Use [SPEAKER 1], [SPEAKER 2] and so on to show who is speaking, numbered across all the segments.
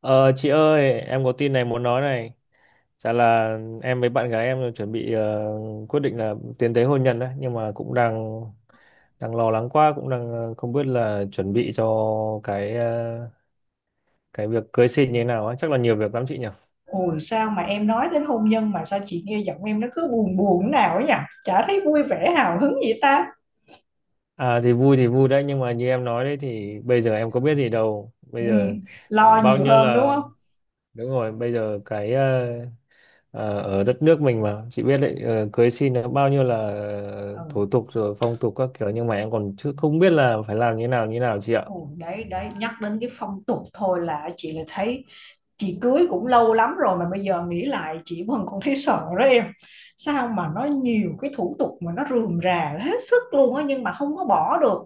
[SPEAKER 1] Ờ, chị ơi, em có tin này muốn nói này. Chả là em với bạn gái em chuẩn bị quyết định là tiến tới hôn nhân đấy, nhưng mà cũng đang đang lo lắng quá, cũng đang không biết là chuẩn bị cho cái ờ, cái việc cưới xin như thế nào ấy, chắc là nhiều việc lắm chị nhỉ.
[SPEAKER 2] Ôi sao mà em nói đến hôn nhân mà sao chị nghe giọng em nó cứ buồn buồn nào ấy nhỉ? Chả thấy vui vẻ hào hứng gì ta.
[SPEAKER 1] À, thì vui đấy, nhưng mà như em nói đấy thì bây giờ em có biết gì đâu.
[SPEAKER 2] Ừ,
[SPEAKER 1] Bây giờ
[SPEAKER 2] lo
[SPEAKER 1] bao
[SPEAKER 2] nhiều
[SPEAKER 1] nhiêu
[SPEAKER 2] hơn đúng
[SPEAKER 1] là,
[SPEAKER 2] không?
[SPEAKER 1] đúng rồi, bây giờ ở đất nước mình mà chị biết đấy, cưới xin nó bao nhiêu là
[SPEAKER 2] Ừ.
[SPEAKER 1] thủ tục rồi phong tục các kiểu, nhưng mà em còn chưa, không biết là phải làm như nào chị ạ.
[SPEAKER 2] Ồ, đấy đấy, nhắc đến cái phong tục thôi là chị lại thấy chị cưới cũng lâu lắm rồi mà bây giờ nghĩ lại chị vẫn còn thấy sợ đó em. Sao mà nó nhiều cái thủ tục mà nó rườm rà hết sức luôn á, nhưng mà không có bỏ được.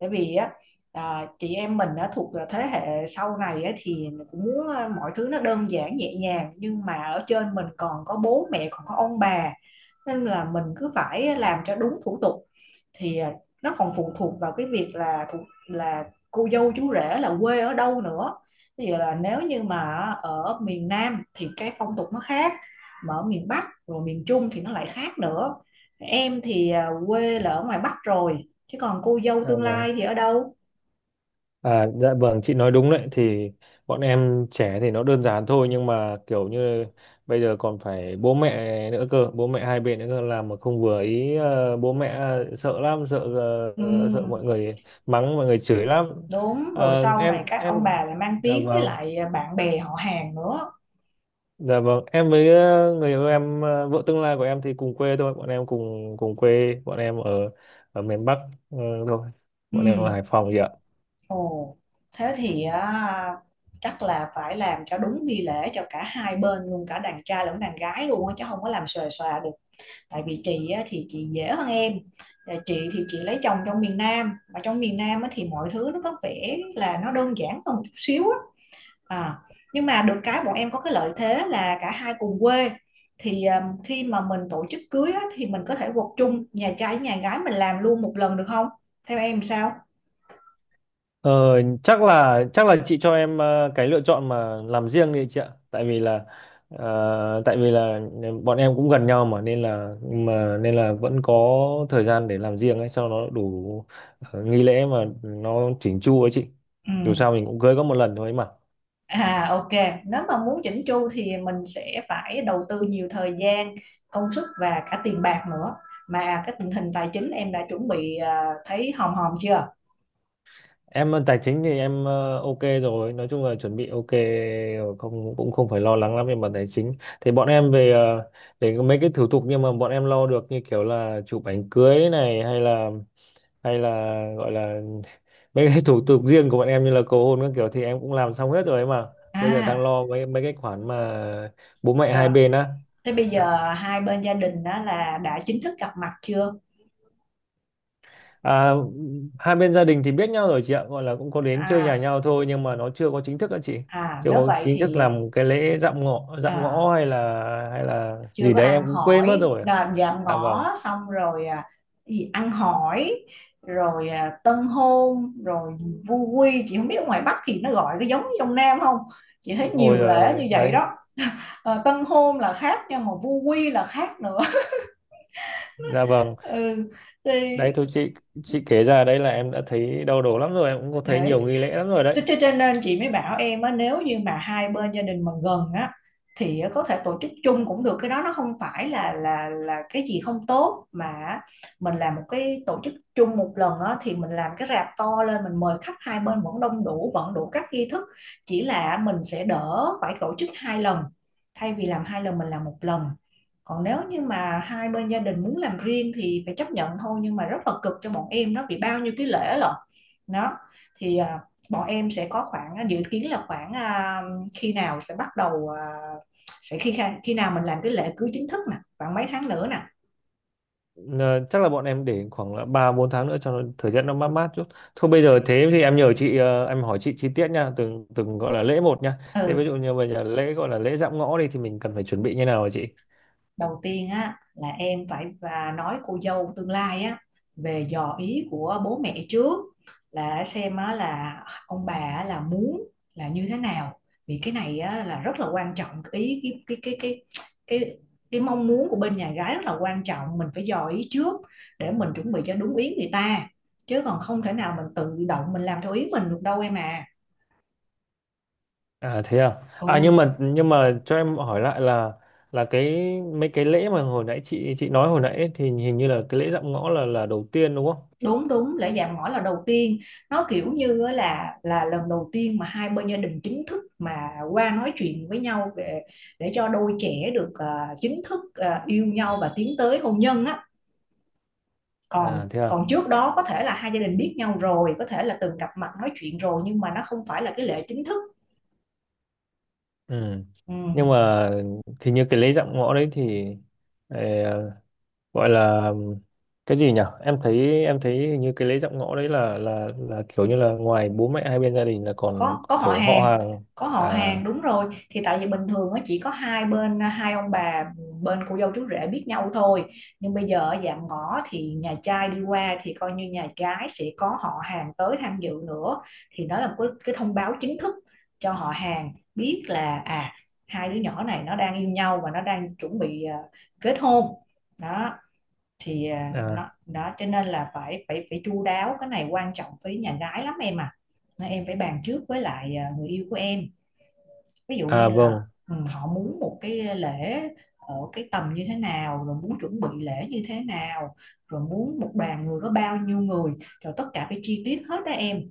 [SPEAKER 2] Bởi vì á, chị em mình đã thuộc là thế hệ sau này á, thì cũng muốn mọi thứ nó đơn giản nhẹ nhàng, nhưng mà ở trên mình còn có bố mẹ còn có ông bà, nên là mình cứ phải làm cho đúng thủ tục. Thì nó còn phụ thuộc vào cái việc là là cô dâu chú rể là quê ở đâu nữa. Ví dụ là nếu như mà ở miền Nam thì cái phong tục nó khác, mà ở miền Bắc rồi miền Trung thì nó lại khác nữa. Em thì quê là ở ngoài Bắc rồi, chứ còn cô dâu
[SPEAKER 1] À,
[SPEAKER 2] tương
[SPEAKER 1] vâng.
[SPEAKER 2] lai thì ở đâu?
[SPEAKER 1] À, dạ vâng, chị nói đúng đấy. Thì bọn em trẻ thì nó đơn giản thôi, nhưng mà kiểu như bây giờ còn phải bố mẹ nữa cơ, bố mẹ hai bên nữa cơ, làm mà không vừa ý bố mẹ, sợ lắm,
[SPEAKER 2] Ừ,
[SPEAKER 1] sợ mọi người mắng, mọi người chửi lắm.
[SPEAKER 2] đúng rồi, sau này
[SPEAKER 1] Em
[SPEAKER 2] các ông
[SPEAKER 1] em
[SPEAKER 2] bà lại mang
[SPEAKER 1] dạ
[SPEAKER 2] tiếng với
[SPEAKER 1] vâng.
[SPEAKER 2] lại bạn bè họ hàng nữa.
[SPEAKER 1] Dạ vâng, em với người yêu em, vợ tương lai của em thì cùng quê thôi, bọn em cùng cùng quê, bọn em ở ở miền Bắc, ờ, thôi, bọn em ở
[SPEAKER 2] Ừ.
[SPEAKER 1] Hải Phòng vậy ạ.
[SPEAKER 2] Ồ, thế thì á, chắc là phải làm cho đúng nghi lễ cho cả hai bên luôn, cả đàn trai lẫn đàn gái luôn á, chứ không có làm xòe xòa được. Tại vì chị á, thì chị dễ hơn em. Và chị thì chị lấy chồng trong miền Nam, mà trong miền Nam á, thì mọi thứ nó có vẻ là nó đơn giản hơn một chút xíu á. À, nhưng mà được cái bọn em có cái lợi thế là cả hai cùng quê. Thì à, khi mà mình tổ chức cưới á, thì mình có thể gộp chung nhà trai với nhà gái mình làm luôn một lần được không? Theo em sao?
[SPEAKER 1] Chắc là chị cho em cái lựa chọn mà làm riêng đi chị ạ, tại vì là ờ, tại vì là bọn em cũng gần nhau mà, nên là vẫn có thời gian để làm riêng ấy, cho nó đủ nghi lễ mà nó chỉnh chu ấy chị.
[SPEAKER 2] Ừ.
[SPEAKER 1] Dù sao mình cũng cưới có một lần thôi ấy mà.
[SPEAKER 2] À ok, nếu mà muốn chỉnh chu thì mình sẽ phải đầu tư nhiều thời gian, công sức và cả tiền bạc nữa. Mà cái tình hình tài chính em đã chuẩn bị à, thấy hòm hòm chưa?
[SPEAKER 1] Em tài chính thì em ok rồi, nói chung là chuẩn bị ok rồi, không, cũng không phải lo lắng lắm về mặt tài chính. Thì bọn em về về mấy cái thủ tục, nhưng mà bọn em lo được, như kiểu là chụp ảnh cưới này, hay là gọi là mấy cái thủ tục riêng của bọn em như là cầu hôn các kiểu thì em cũng làm xong hết rồi ấy mà. Bây giờ đang
[SPEAKER 2] À,
[SPEAKER 1] lo mấy mấy cái khoản mà bố mẹ hai
[SPEAKER 2] rồi.
[SPEAKER 1] bên á.
[SPEAKER 2] Thế bây giờ hai bên gia đình đó là đã chính thức gặp mặt chưa?
[SPEAKER 1] À, hai bên gia đình thì biết nhau rồi chị ạ, gọi là cũng có đến chơi nhà
[SPEAKER 2] À,
[SPEAKER 1] nhau thôi, nhưng mà nó chưa có chính thức á chị.
[SPEAKER 2] à
[SPEAKER 1] Chưa
[SPEAKER 2] nếu
[SPEAKER 1] có
[SPEAKER 2] vậy
[SPEAKER 1] chính thức
[SPEAKER 2] thì
[SPEAKER 1] làm cái lễ dạm ngõ, dạm
[SPEAKER 2] à,
[SPEAKER 1] ngõ hay là
[SPEAKER 2] chưa
[SPEAKER 1] gì
[SPEAKER 2] có
[SPEAKER 1] đấy em
[SPEAKER 2] ăn
[SPEAKER 1] cũng quên mất
[SPEAKER 2] hỏi
[SPEAKER 1] rồi.
[SPEAKER 2] là dạm
[SPEAKER 1] Dạ
[SPEAKER 2] ngõ
[SPEAKER 1] vâng.
[SPEAKER 2] xong rồi à, gì ăn hỏi rồi à, tân hôn rồi vu quy, chị không biết ở ngoài Bắc thì nó gọi cái giống như trong Nam không. Chị thấy
[SPEAKER 1] Ôi,
[SPEAKER 2] nhiều
[SPEAKER 1] rồi
[SPEAKER 2] lễ
[SPEAKER 1] rồi,
[SPEAKER 2] như vậy
[SPEAKER 1] đấy.
[SPEAKER 2] đó. Ờ, tân hôn là khác nha, mà vu quy là khác nữa.
[SPEAKER 1] Dạ vâng.
[SPEAKER 2] Ừ, thì
[SPEAKER 1] Đấy thôi chị kể ra đấy là em đã thấy đau đầu lắm rồi, em cũng có thấy nhiều
[SPEAKER 2] thế.
[SPEAKER 1] nghi lễ lắm rồi đấy.
[SPEAKER 2] Nên chị mới bảo em á, nếu như mà hai bên gia đình mà gần á, thì có thể tổ chức chung cũng được. Cái đó nó không phải là cái gì không tốt, mà mình làm một cái tổ chức chung một lần á, thì mình làm cái rạp to lên, mình mời khách hai bên vẫn đông đủ, vẫn đủ các nghi thức, chỉ là mình sẽ đỡ phải tổ chức hai lần. Thay vì làm hai lần mình làm một lần. Còn nếu như mà hai bên gia đình muốn làm riêng thì phải chấp nhận thôi, nhưng mà rất là cực cho bọn em đó, vì bao nhiêu cái lễ lận. Đó thì à, bọn em sẽ có khoảng dự kiến là khoảng à, khi nào sẽ bắt đầu à, sẽ khi khi nào mình làm cái lễ cưới chính thức nè, khoảng mấy tháng nữa nè.
[SPEAKER 1] Ờ, Chắc là bọn em để khoảng là 3 4 tháng nữa cho nó thời tiết nó mát mát chút. Thôi bây giờ thế thì em nhờ chị, em hỏi chị chi tiết nha, từng từng gọi là lễ một nha. Thế ví
[SPEAKER 2] Ừ,
[SPEAKER 1] dụ như bây giờ lễ gọi là lễ dạm ngõ đi thì mình cần phải chuẩn bị như nào hả chị?
[SPEAKER 2] đầu tiên á là em phải và nói cô dâu tương lai á, về dò ý của bố mẹ trước, là xem á là ông bà á là muốn là như thế nào. Vì cái này á là rất là quan trọng ý. Cái cái cái cái cái cái mong muốn của bên nhà gái rất là quan trọng, mình phải dò ý trước để mình chuẩn bị cho đúng ý người ta, chứ còn không thể nào mình tự động mình làm theo ý mình được đâu em à.
[SPEAKER 1] À, thế à.
[SPEAKER 2] Ừ,
[SPEAKER 1] À, nhưng mà cho em hỏi lại là cái mấy cái lễ mà hồi nãy chị nói hồi nãy ấy, thì hình như là cái lễ dạm ngõ là đầu tiên đúng không?
[SPEAKER 2] đúng đúng, lễ dạ mỏ là đầu tiên. Nó kiểu như á là lần đầu tiên mà hai bên gia đình chính thức mà qua nói chuyện với nhau về, để cho đôi trẻ được à, chính thức à, yêu nhau và tiến tới hôn nhân á. còn
[SPEAKER 1] À, thế à.
[SPEAKER 2] còn trước đó có thể là hai gia đình biết nhau rồi, có thể là từng gặp mặt nói chuyện rồi, nhưng mà nó không phải là cái lễ chính thức.
[SPEAKER 1] Ừ. Nhưng
[SPEAKER 2] Ừ.
[SPEAKER 1] mà thì như cái lễ dạm ngõ đấy thì ờ, gọi là cái gì nhỉ, em thấy hình như cái lễ dạm ngõ đấy là kiểu như là ngoài bố mẹ hai bên gia đình là còn
[SPEAKER 2] Có họ
[SPEAKER 1] kiểu họ
[SPEAKER 2] hàng,
[SPEAKER 1] hàng.
[SPEAKER 2] có họ
[SPEAKER 1] À,
[SPEAKER 2] hàng, đúng rồi. Thì tại vì bình thường á chỉ có hai bên hai ông bà bên cô dâu chú rể biết nhau thôi, nhưng bây giờ ở dạm ngõ thì nhà trai đi qua thì coi như nhà gái sẽ có họ hàng tới tham dự nữa. Thì đó là một cái thông báo chính thức cho họ hàng biết là à, hai đứa nhỏ này nó đang yêu nhau và nó đang chuẩn bị à, kết hôn. Đó thì à,
[SPEAKER 1] à,
[SPEAKER 2] nó đó, cho nên là phải phải phải chu đáo. Cái này quan trọng với nhà gái lắm em à, nên em phải bàn trước với lại à, người yêu của em. Ví dụ như
[SPEAKER 1] à,
[SPEAKER 2] là
[SPEAKER 1] vâng.
[SPEAKER 2] ừ, họ muốn một cái lễ ở cái tầm như thế nào, rồi muốn chuẩn bị lễ như thế nào, rồi muốn một đoàn người có bao nhiêu người, rồi tất cả phải chi tiết hết đó em.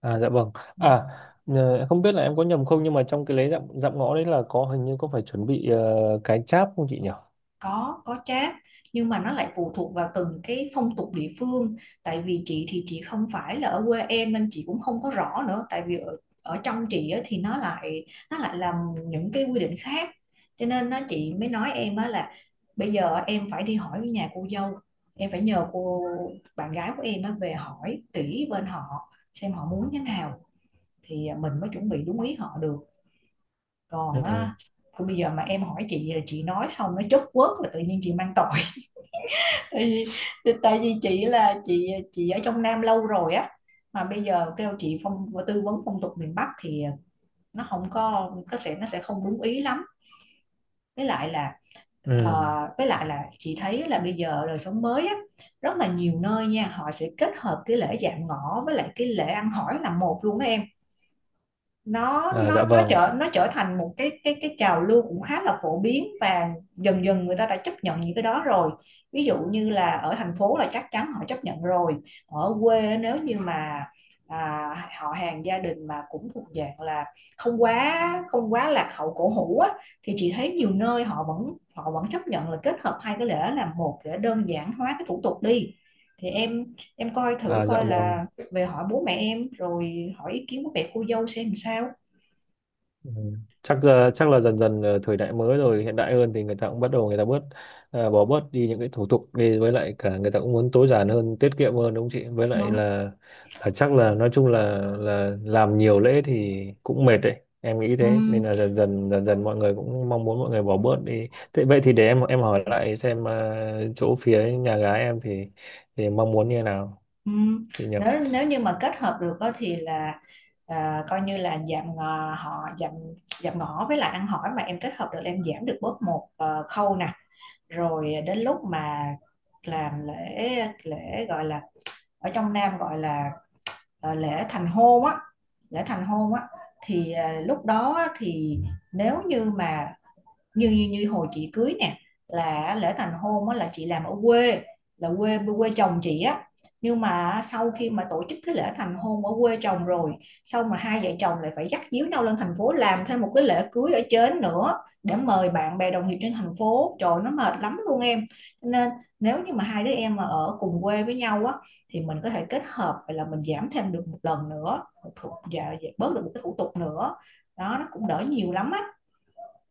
[SPEAKER 1] À, dạ vâng.
[SPEAKER 2] Ừ.
[SPEAKER 1] À, em không biết là em có nhầm không, nhưng mà trong cái lễ dạm dạm ngõ đấy là hình như có phải chuẩn bị cái cháp không chị nhỉ?
[SPEAKER 2] Có chát, nhưng mà nó lại phụ thuộc vào từng cái phong tục địa phương. Tại vì chị thì chị không phải là ở quê em nên chị cũng không có rõ nữa. Tại vì ở, ở trong chị á, thì nó lại làm những cái quy định khác. Cho nên chị mới nói em á là bây giờ em phải đi hỏi nhà cô dâu, em phải nhờ cô bạn gái của em á, về hỏi kỹ bên họ xem họ muốn thế nào, thì à, mình mới chuẩn bị đúng ý họ được.
[SPEAKER 1] Ừ.
[SPEAKER 2] Còn á, còn bây giờ mà em hỏi chị là chị nói xong nó chốt quớt là tự nhiên chị mang tội. Tại vì tại vì chị là chị ở trong Nam lâu rồi á, mà bây giờ kêu chị phong tư vấn phong tục miền Bắc thì nó không có, có sẽ, nó sẽ không đúng ý lắm. với lại là ờ,
[SPEAKER 1] Ừ.
[SPEAKER 2] với lại là chị thấy là bây giờ đời sống mới á, rất là nhiều nơi nha, họ sẽ kết hợp cái lễ dạm ngõ với lại cái lễ ăn hỏi là một luôn đó em. nó
[SPEAKER 1] À, dạ
[SPEAKER 2] nó nó
[SPEAKER 1] vâng.
[SPEAKER 2] trở nó trở thành một cái trào lưu cũng khá là phổ biến, và dần dần người ta đã chấp nhận những cái đó rồi. Ví dụ như là ở thành phố là chắc chắn họ chấp nhận rồi. Ở quê nếu như mà à, họ hàng gia đình mà cũng thuộc dạng là không quá lạc hậu cổ hủ á, thì chị thấy nhiều nơi họ vẫn chấp nhận là kết hợp hai cái lễ làm một để đơn giản hóa cái thủ tục đi. Thì em coi thử
[SPEAKER 1] À, dạ
[SPEAKER 2] coi
[SPEAKER 1] vâng.
[SPEAKER 2] là về hỏi bố mẹ em rồi hỏi ý kiến của mẹ cô dâu xem sao.
[SPEAKER 1] Ừ. Chắc là dần dần, thời đại mới rồi, hiện đại hơn thì người ta cũng bắt đầu, người ta bớt, bỏ bớt đi những cái thủ tục đi, với lại cả người ta cũng muốn tối giản hơn, tiết kiệm hơn đúng không chị. Với lại
[SPEAKER 2] Đúng.
[SPEAKER 1] là chắc là nói chung là làm nhiều lễ thì cũng mệt đấy, em nghĩ
[SPEAKER 2] Ừ,
[SPEAKER 1] thế nên là dần dần mọi người cũng mong muốn, mọi người bỏ bớt đi. Thế vậy thì để em hỏi lại xem, chỗ phía nhà gái em thì mong muốn như thế nào
[SPEAKER 2] ừ.
[SPEAKER 1] chị nhỉ.
[SPEAKER 2] Nếu nếu như mà kết hợp được á thì là à, coi như là giảm ngò, họ giảm giảm ngõ với lại ăn hỏi mà em kết hợp được là em giảm được bớt một ờ, khâu nè. Rồi đến lúc mà làm lễ, lễ gọi là ở trong Nam gọi là ờ, lễ thành hôn á, lễ thành hôn á, thì ờ, lúc đó á, thì nếu như mà như như như hồi chị cưới nè, là lễ thành hôn á là chị làm ở quê, là quê quê chồng chị á. Nhưng mà sau khi mà tổ chức cái lễ thành hôn ở quê chồng rồi, sau mà hai vợ chồng lại phải dắt díu nhau lên thành phố làm thêm một cái lễ cưới ở trên nữa, để mời bạn bè đồng nghiệp trên thành phố, trời nó mệt lắm luôn em. Nên nếu như mà hai đứa em mà ở cùng quê với nhau á, thì mình có thể kết hợp, vậy là mình giảm thêm được một lần nữa, một thủ, dạ, dạ, bớt được một cái thủ tục nữa đó, nó cũng đỡ nhiều lắm á.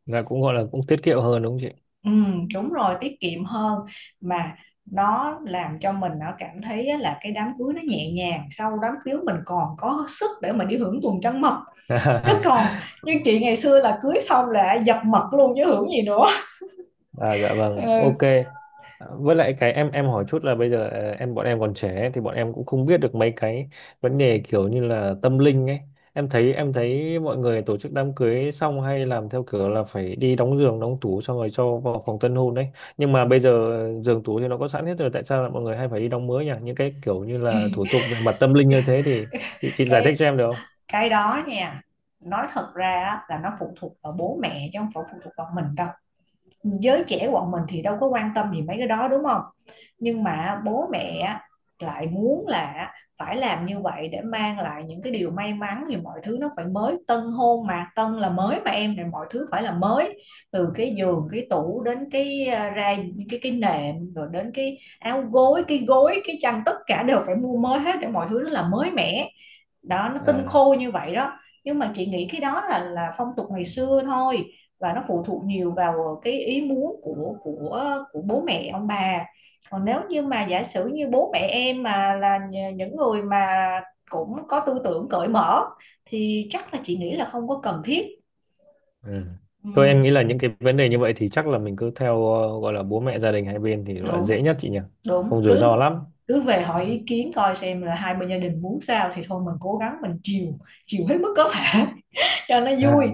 [SPEAKER 1] Là cũng gọi là cũng tiết kiệm hơn đúng không
[SPEAKER 2] Ừ, đúng rồi, tiết kiệm hơn. Mà nó làm cho mình nó cảm thấy á, là cái đám cưới nó nhẹ nhàng, sau đám cưới mình còn có sức để mình đi hưởng tuần trăng mật,
[SPEAKER 1] chị.
[SPEAKER 2] chứ còn như chị ngày xưa là cưới xong là dập mật luôn chứ hưởng gì nữa.
[SPEAKER 1] À, dạ vâng, ok.
[SPEAKER 2] Ừ,
[SPEAKER 1] À, với lại cái em hỏi chút là bây giờ, bọn em còn trẻ ấy, thì bọn em cũng không biết được mấy cái vấn đề kiểu như là tâm linh ấy. Em thấy mọi người tổ chức đám cưới xong hay làm theo kiểu là phải đi đóng giường, đóng tủ xong rồi cho vào phòng tân hôn đấy. Nhưng mà bây giờ giường tủ thì nó có sẵn hết rồi, tại sao là mọi người hay phải đi đóng mới nhỉ? Những cái kiểu như là thủ tục về mặt tâm linh như thế thì chị giải thích
[SPEAKER 2] cái
[SPEAKER 1] cho em được không?
[SPEAKER 2] đó nha, nói thật ra á, là nó phụ thuộc vào bố mẹ chứ không phải phụ thuộc vào mình đâu. Giới trẻ bọn mình thì đâu có quan tâm gì mấy cái đó đúng không, nhưng mà bố mẹ lại muốn là phải làm như vậy để mang lại những cái điều may mắn, thì mọi thứ nó phải mới. Tân hôn mà, tân là mới mà em, thì mọi thứ phải là mới, từ cái giường cái tủ đến cái à, ra cái nệm rồi đến cái áo gối, cái gối, cái chăn, tất cả đều phải mua mới hết để mọi thứ nó là mới mẻ đó, nó tinh
[SPEAKER 1] À.
[SPEAKER 2] khô như vậy đó. Nhưng mà chị nghĩ cái đó là phong tục ngày xưa thôi, và nó phụ thuộc nhiều vào cái ý muốn của của bố mẹ ông bà. Còn nếu như mà giả sử như bố mẹ em mà là những người mà cũng có tư tưởng cởi mở, thì chắc là chị nghĩ là không có cần thiết.
[SPEAKER 1] Ừ.
[SPEAKER 2] Ừ,
[SPEAKER 1] Thôi em nghĩ là những cái vấn đề như vậy thì chắc là mình cứ theo, gọi là bố mẹ gia đình hai bên thì gọi là
[SPEAKER 2] đúng
[SPEAKER 1] dễ nhất chị nhỉ.
[SPEAKER 2] đúng
[SPEAKER 1] Không rủi
[SPEAKER 2] cứ
[SPEAKER 1] ro lắm.
[SPEAKER 2] cứ về
[SPEAKER 1] Ừ.
[SPEAKER 2] hỏi ý kiến coi xem là hai bên gia đình muốn sao, thì thôi mình cố gắng mình chiều, chiều hết mức có thể cho nó
[SPEAKER 1] À,
[SPEAKER 2] vui.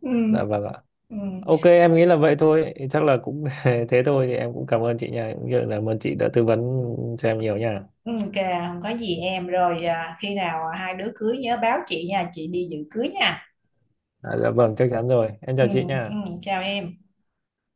[SPEAKER 2] Ừ.
[SPEAKER 1] dạ vâng ạ.
[SPEAKER 2] Ừ.
[SPEAKER 1] Ok, em nghĩ là vậy thôi. Chắc là cũng thế thôi thì em cũng cảm ơn chị nha. Cũng như là cảm ơn chị đã tư vấn cho em nhiều nha.
[SPEAKER 2] Ừ, kìa, không có gì em. Rồi à, khi nào à, hai đứa cưới nhớ báo chị nha, chị đi dự cưới nha.
[SPEAKER 1] À, dạ vâng, chắc chắn rồi. Em
[SPEAKER 2] Ừ,
[SPEAKER 1] chào chị
[SPEAKER 2] ừ,
[SPEAKER 1] nha.
[SPEAKER 2] chào em.